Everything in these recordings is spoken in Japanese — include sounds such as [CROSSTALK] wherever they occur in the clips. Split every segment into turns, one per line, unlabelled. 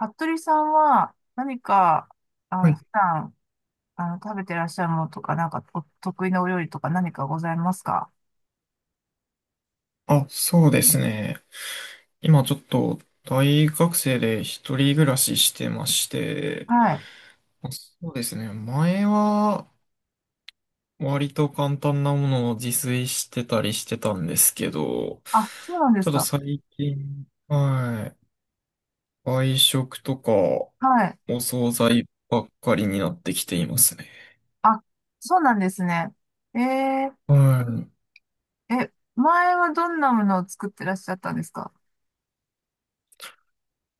服部さんは何か、
はい。
普段、食べてらっしゃるものとか、なんかお得意なお料理とか何かございますか？
あ、そうですね。今ちょっと大学生で一人暮らししてまして、
はい。
まあそうですね。前は割と簡単なものを自炊してたりしてたんですけど、
あ、そうなんで
ち
す
ょっと
か。
最近、はい、外食とか
はい。
お惣菜ばっかりになってきていますね。
あ、そうなんですね。えー、
はい。
え、前はどんなものを作ってらっしゃったんですか？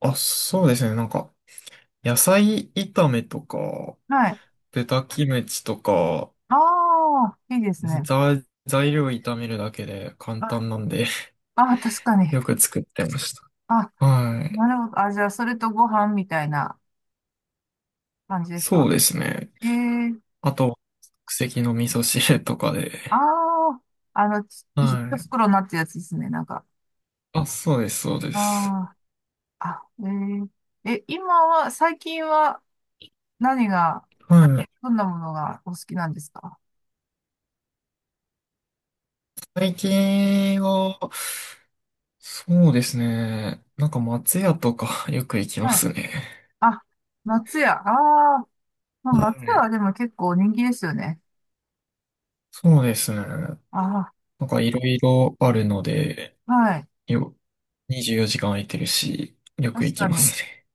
あ、そうですね。なんか、野菜炒めとか、
はい。
豚キムチとか、
ああ、いいですね。
ざ材料炒めるだけで簡
あ、
単なんで [LAUGHS]
あ、確かに。
よく作ってまし
あ、
た。はい。
なるほど。あ、じゃあ、それとご飯みたいな感じです
そ
か？
うですね。
ええー、
あと、即席の味噌汁とか
あ
で。
あ、ち
は
一
い。
袋になってるやつですね、なんか。
あ、そうです、そうで
あ
す。
あ。あ、えー、え、今は、最近は何が、
はい。
どんなものがお好きなんですか？
最近は、そうですね。なんか松屋とか [LAUGHS] よく行きま
はい。
すね。
あ、松屋。ああ、まあ、
は
松屋は
い。
でも結構人気ですよね。
そうですね。
あ
なんかいろいろあるので、
あ、はい。
よ、24時間空いてるし、よく
確
行き
か
ま
に。
すね。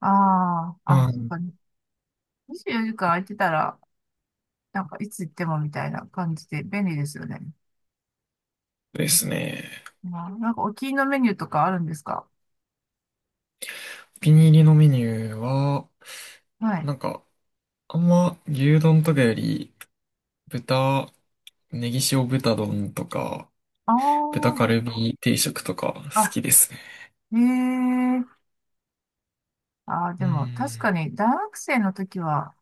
ああ、あ、
は
そう
い。
かね。24時間空いてたら、なんかいつ行ってもみたいな感じで便利ですよね。
ですね。
まあ、なんかお気に入りのメニューとかあるんですか？
お気に入りのメニューは、
はい。
なんか、あんま牛丼とかより、豚、ネギ塩豚丼とか、豚
あ
カルビ定食とか好
あ、
きですね。
あ、ええ、ああ、
う
でも確
ん。
かに大学生の時は、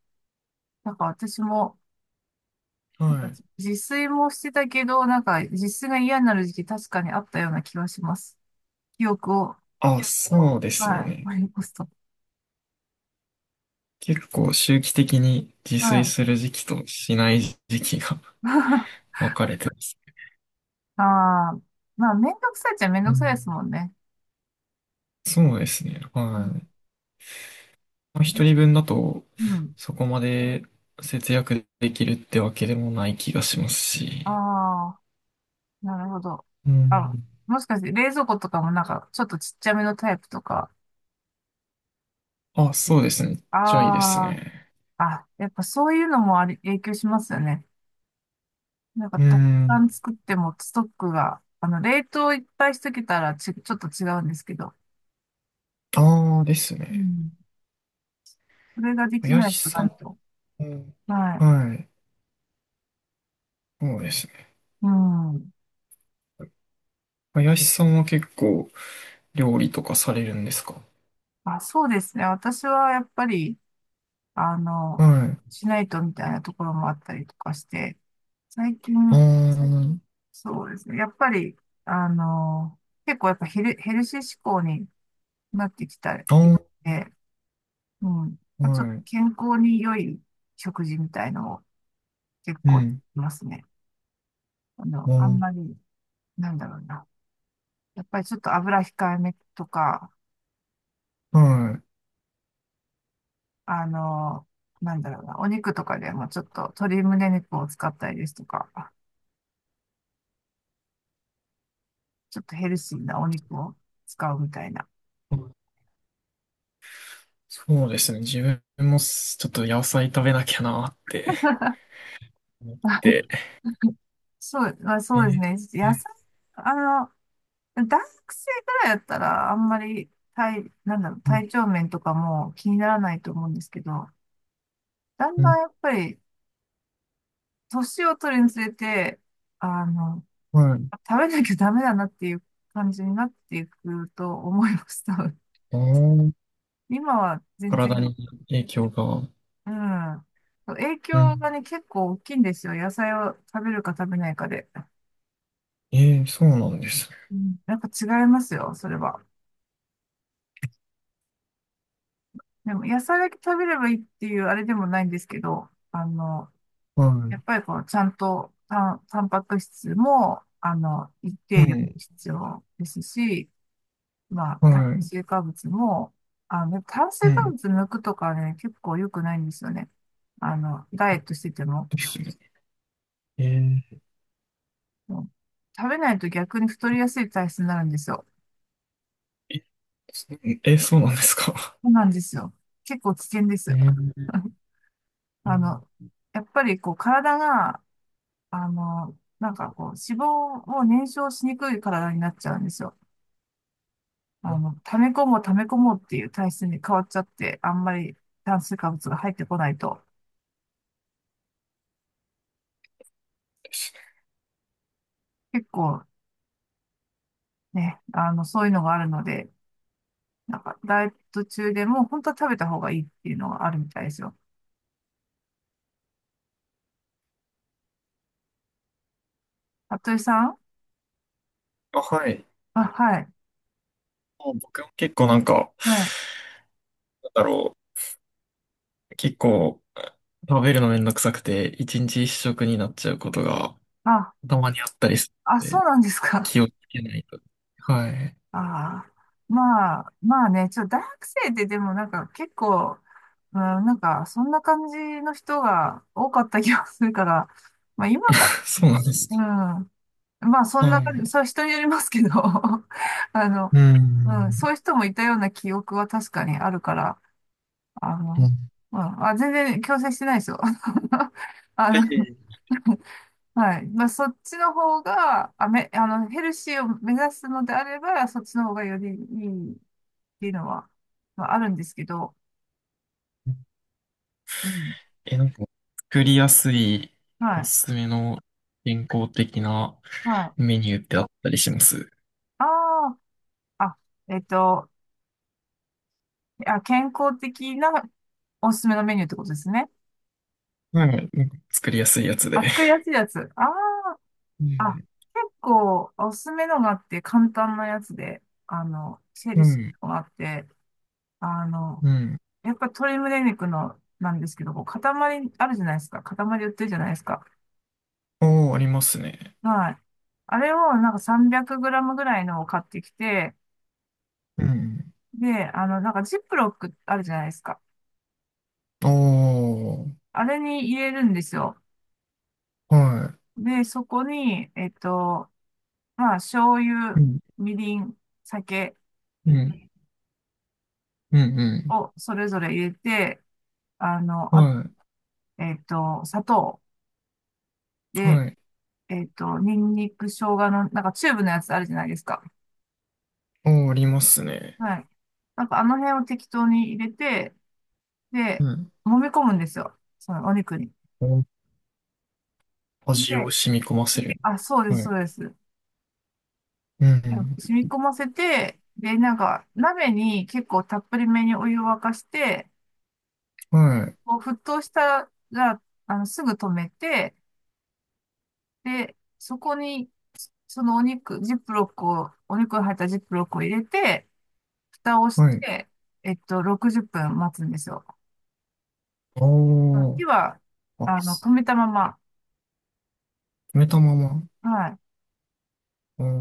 なんか私も、
は
なんか
い。
自炊もしてたけど、なんか自炊が嫌になる時期確かにあったような気はします。記憶を、
あ、そうですよ
はい、
ね。
思い起こすと。
結構周期的に自
は
炊す
い。
る時期としない時期が
[LAUGHS]
[LAUGHS] 分かれてます。
ああ、まあ、めんどくさいっちゃめん
う
どくさいで
ん。
すもんね。
そうですね。
う
は
ん。
い。まあ、
え、
一人分だと、
うん。
そこまで節約できるってわけでもない気がします
あ
し。
あ、なるほど。
う
あ、
ん。
もしかして冷蔵庫とかもなんかちょっとちっちゃめのタイプとか。
あ、そうですね。めっちゃいいです
あ
ね。
あ、あ、やっぱそういうのもあり、影響しますよね。なんか、
うー
たくさ
ん。
ん作ってもストックが、冷凍いっぱいしとけたらち、ちょっと違うんですけど、
ああ、です
う
ね。
ん。それができ
林
ないとな
さん
ると。
も、
はい。
はい。そうですね。
うん。
林さんは結構料理とかされるんですか？
あ、そうですね。私はやっぱり、あの、
はい。
しないとみたいなところもあったりとかして、最近、
あ
そうですね。やっぱり、あの、結構やっぱヘル、ヘルシー志向になってきたり
あ、あ
で、うん。
あ、
ちょっ
は
と
い。
健康に良い食事みたいのを結
う
構、
ん。
いますね。あんま
あ
り、なんだろうな。やっぱりちょっと油控えめとか、
ー、はい。
あの、なんだろうな。お肉とかでもちょっと鶏胸肉を使ったりですとか、ちょっとヘルシーなお肉を使うみたいな。
そうですね。自分もちょっと野菜食べなきゃなーって
[LAUGHS]
思って。
そう、まあ、そ
え
うです
ー、
ね。
え
野菜、
ー、
あの、大学生ぐらいやったら、あんまり体、なんだろう、
うん、
体調面とかも気にならないと思うんですけど、だん
う
だ
ん、
んやっぱり、年を取るにつれて、あの、
はい。
食べなきゃダメだなっていう感じになっていくと思います、多分。
ああ、
今は全
体
然、
に影響が。
うん。影
うん。
響がね、結構大きいんですよ。野菜を食べるか食べないかで。
ええ、そうなんですね。
うん、やっぱ違いますよ、それは。でも、野菜だけ食べればいいっていうあれでもないんですけど、
は
やっ
い。
ぱりこう、ちゃんとタン、タンパク質も、一
う
定量
ん。
必要ですし、まあ、
は
炭
い。
水化物も、炭
う
水化
ん。
物抜くとかね、結構良くないんですよね。ダイエットしてても。
ですね。え
うん、食べないと逆に太りやすい体質になるんですよ。
え、そうなんですか？
そうなんですよ。結構危険です
え
よ。
ー、
[LAUGHS]
う
あ
ん、
の、やっぱりこう、体が、なんかこう、脂肪を燃焼しにくい体になっちゃうんですよ。溜め込もう溜め込もうっていう体質に変わっちゃって、あんまり炭水化物が入ってこないと、
ですね。
結構ね、そういうのがあるので、なんか、ダイエット中でも、本当は食べた方がいいっていうのがあるみたいですよ。服部さん、
あ、はい。
あ、はい。
もう僕も結構なんか、
はい。
なんだろう。結構、食べるのめんどくさくて、一日一食になっちゃうことが
あ、
たまにあったりす
あ、
るの
そう
で、
なんですか。
気をつけないと。はい。
[LAUGHS] ああ。まあ、まあね、ちょ、大学生ででもなんか結構、うん、なんか、そんな感じの人が多かった気がするから、まあ今か、
[LAUGHS] そうなんです
うん。
か。
まあそ
は
んな感じ、
い。
それは人によりますけど、[LAUGHS] あの、
う
うん、そ
ん。
ういう人もいたような記憶は確かにあるから、あ
う
の、
ん。
まあ、あ全然強制してないですよ。[LAUGHS] あ
は
の、
い。
[LAUGHS] はい。まあ、そっちの方が、あ、め、ヘルシーを目指すのであれば、そっちの方がよりいいっていうのは、まあ、あるんですけど、うん。
え、なんか、作りやすい
は
お
い。
すすめの健康的な
はい。
メニューってあったりします？
ああ、あ、えっと、あ、健康的なおすすめのメニューってことですね。
はい。なんか作りやすいやつで。
あ、作りやすいやつ。あ
う
あ、あ、
ん。
結構おすすめのがあって、簡単なやつで、ヘ
う
ルシ
ん。
ーのがあって、あの、
うん。
やっぱ鶏胸肉のなんですけど、こう塊あるじゃないですか。塊売ってるじゃないですか。
おー、ありますね。
はい。あれをなんか 300g ぐらいのを買ってきて、
うん。
で、なんかジップロックあるじゃないですか。
おー、
あれに入れるんですよ。
は
で、そこに、まあ、醤油、
い。うん。
みりん、酒
うん。うん。
をそれぞれ入れて、
う
あ、
ん。はい。
砂糖で、
はい。
ニンニク、生姜の、なんかチューブのやつあるじゃないですか。
おー、ありますね。
はい。なんかあの辺を適当に入れて、
う
で、
ん。
揉み込むんですよ。そのお肉に。
お
で、
味を染み込ませる。
あ、そうで
は
す、
い。
そうです。
う
で
ん。
染み込ませて、で、なんか鍋に結構たっぷりめにお湯を沸かして、
はい。
こう沸騰したら、すぐ止めて、で、そこに、そのお肉、ジップロックを、お肉が入ったジップロックを入れて、蓋をし
はい。
て、60分待つんですよ。
おー、
火は、
あ、す
止めたまま。
止めたまま。
はい。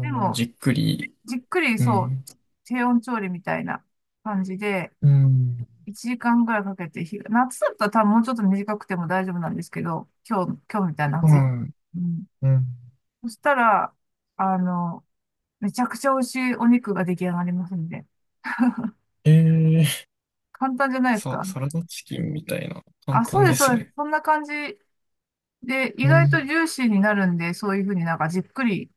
で
ー、
も、
じっくり。
じっくり、
う
そう、
ん。
低温調理みたいな感じで、
うん。
1時間ぐらいかけて火が、夏だったら多分もうちょっと短くても大丈夫なんですけど、今日みたいな暑い。
は
うん。
い。うん。
そしたら、あの、めちゃくちゃ美味しいお肉が出来上がりますんで。
えー、
簡単じゃないですか。
サラダチキンみたいな。簡
あ、そう
単
で
で
す、そ
す
うです。
ね。
そんな感じで、意
うん、
外とジューシーになるんで、そういうふうになんかじっくり、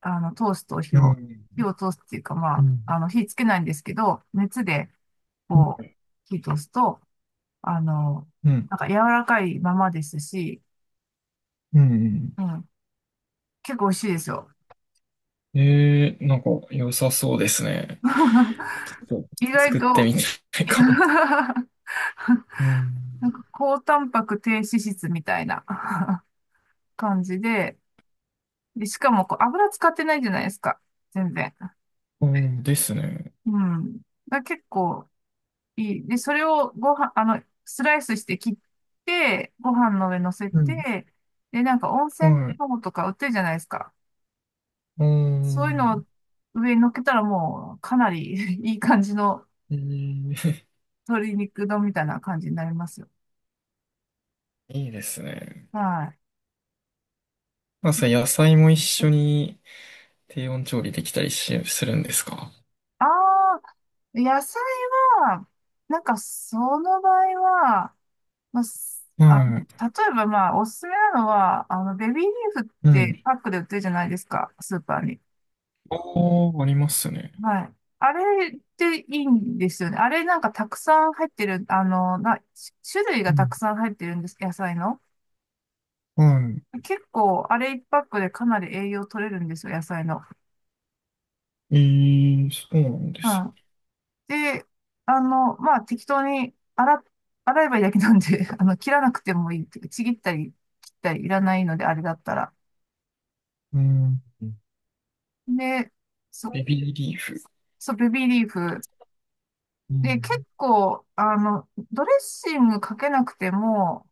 通すと火
う
を、火
ん、
を通すっていうか、ま
う
あ、
ん、
火つけないんですけど、熱で、
う
こ
ん、
う、火通すと、あの、
うん。
なんか柔らかいままですし、
うん。
うん、結構美味しいですよ。
えー、なんか良さそうですね。ち
[LAUGHS]
ょっと
意外
作って
と
みたい
[LAUGHS]
かも。う
なん
ん、
か高タンパク低脂質みたいな [LAUGHS] 感じで、で、しかもこう油使ってないじゃないですか。全然。
うん、ですね。
うん。だから結構いい。で、それをご飯、スライスして切って、ご飯の上乗せ
うん、
て、で、なんか温泉
はい。
卵とか売ってるじゃないですか。
う
そういうの
ん、
を上に乗っけたらもうかなり [LAUGHS] いい感じの
えー
鶏肉丼みたいな感じになりますよ。
[LAUGHS] いいですね。
はい。
まあ、それ野菜も一緒に低温調理できたりするんですか？
ああ、野菜は、なんかその場合は、まあ、すあの、
はい。
例えばまあ、おすすめなのは、ベビーリーフっ
う
て
ん。
パックで売ってるじゃないですか、スーパーに。
ああ、ありますね。
はい。あれっていいんですよね。あれなんかたくさん入ってる、な、し種類
う
がた
ん。
くさん入ってるんです、野菜の。
は
結構、あれ一パックでかなり栄養取れるんですよ、野菜の。
い。えー、そうなんで
う
す。
ん、で、まあ、適当に洗っ、洗えばいいだけなんで、[LAUGHS] 切らなくてもいいっていうか。ちぎったり、切ったりいらないので、あれだったら。
うん。
で、そ、
ベビーリーフ。
そう、ベビーリーフ。
う
で、結
ん。
構、ドレッシングかけなくても、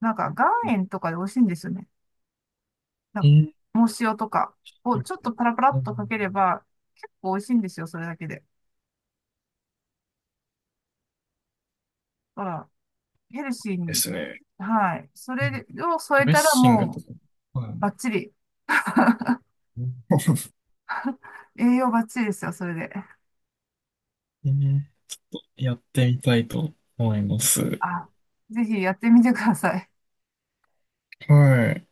なんか、岩塩とかで美味しいんですよね。なん
え
か、
ー、
藻塩とかをちょっとパラパラ
う
っ
ん、
とかければ、結構美味しいんですよ、それだけで。だから、ヘルシー
で
に。
すね。
はい。そ
うん。
れを
ド
添え
レッ
たら
シングと
もう、
か、はい。
バッチリ。
うん。
栄養バッチリですよ、それで。
えーちょっとやってみたいと思います。
あ、ぜひやってみてください。
はい。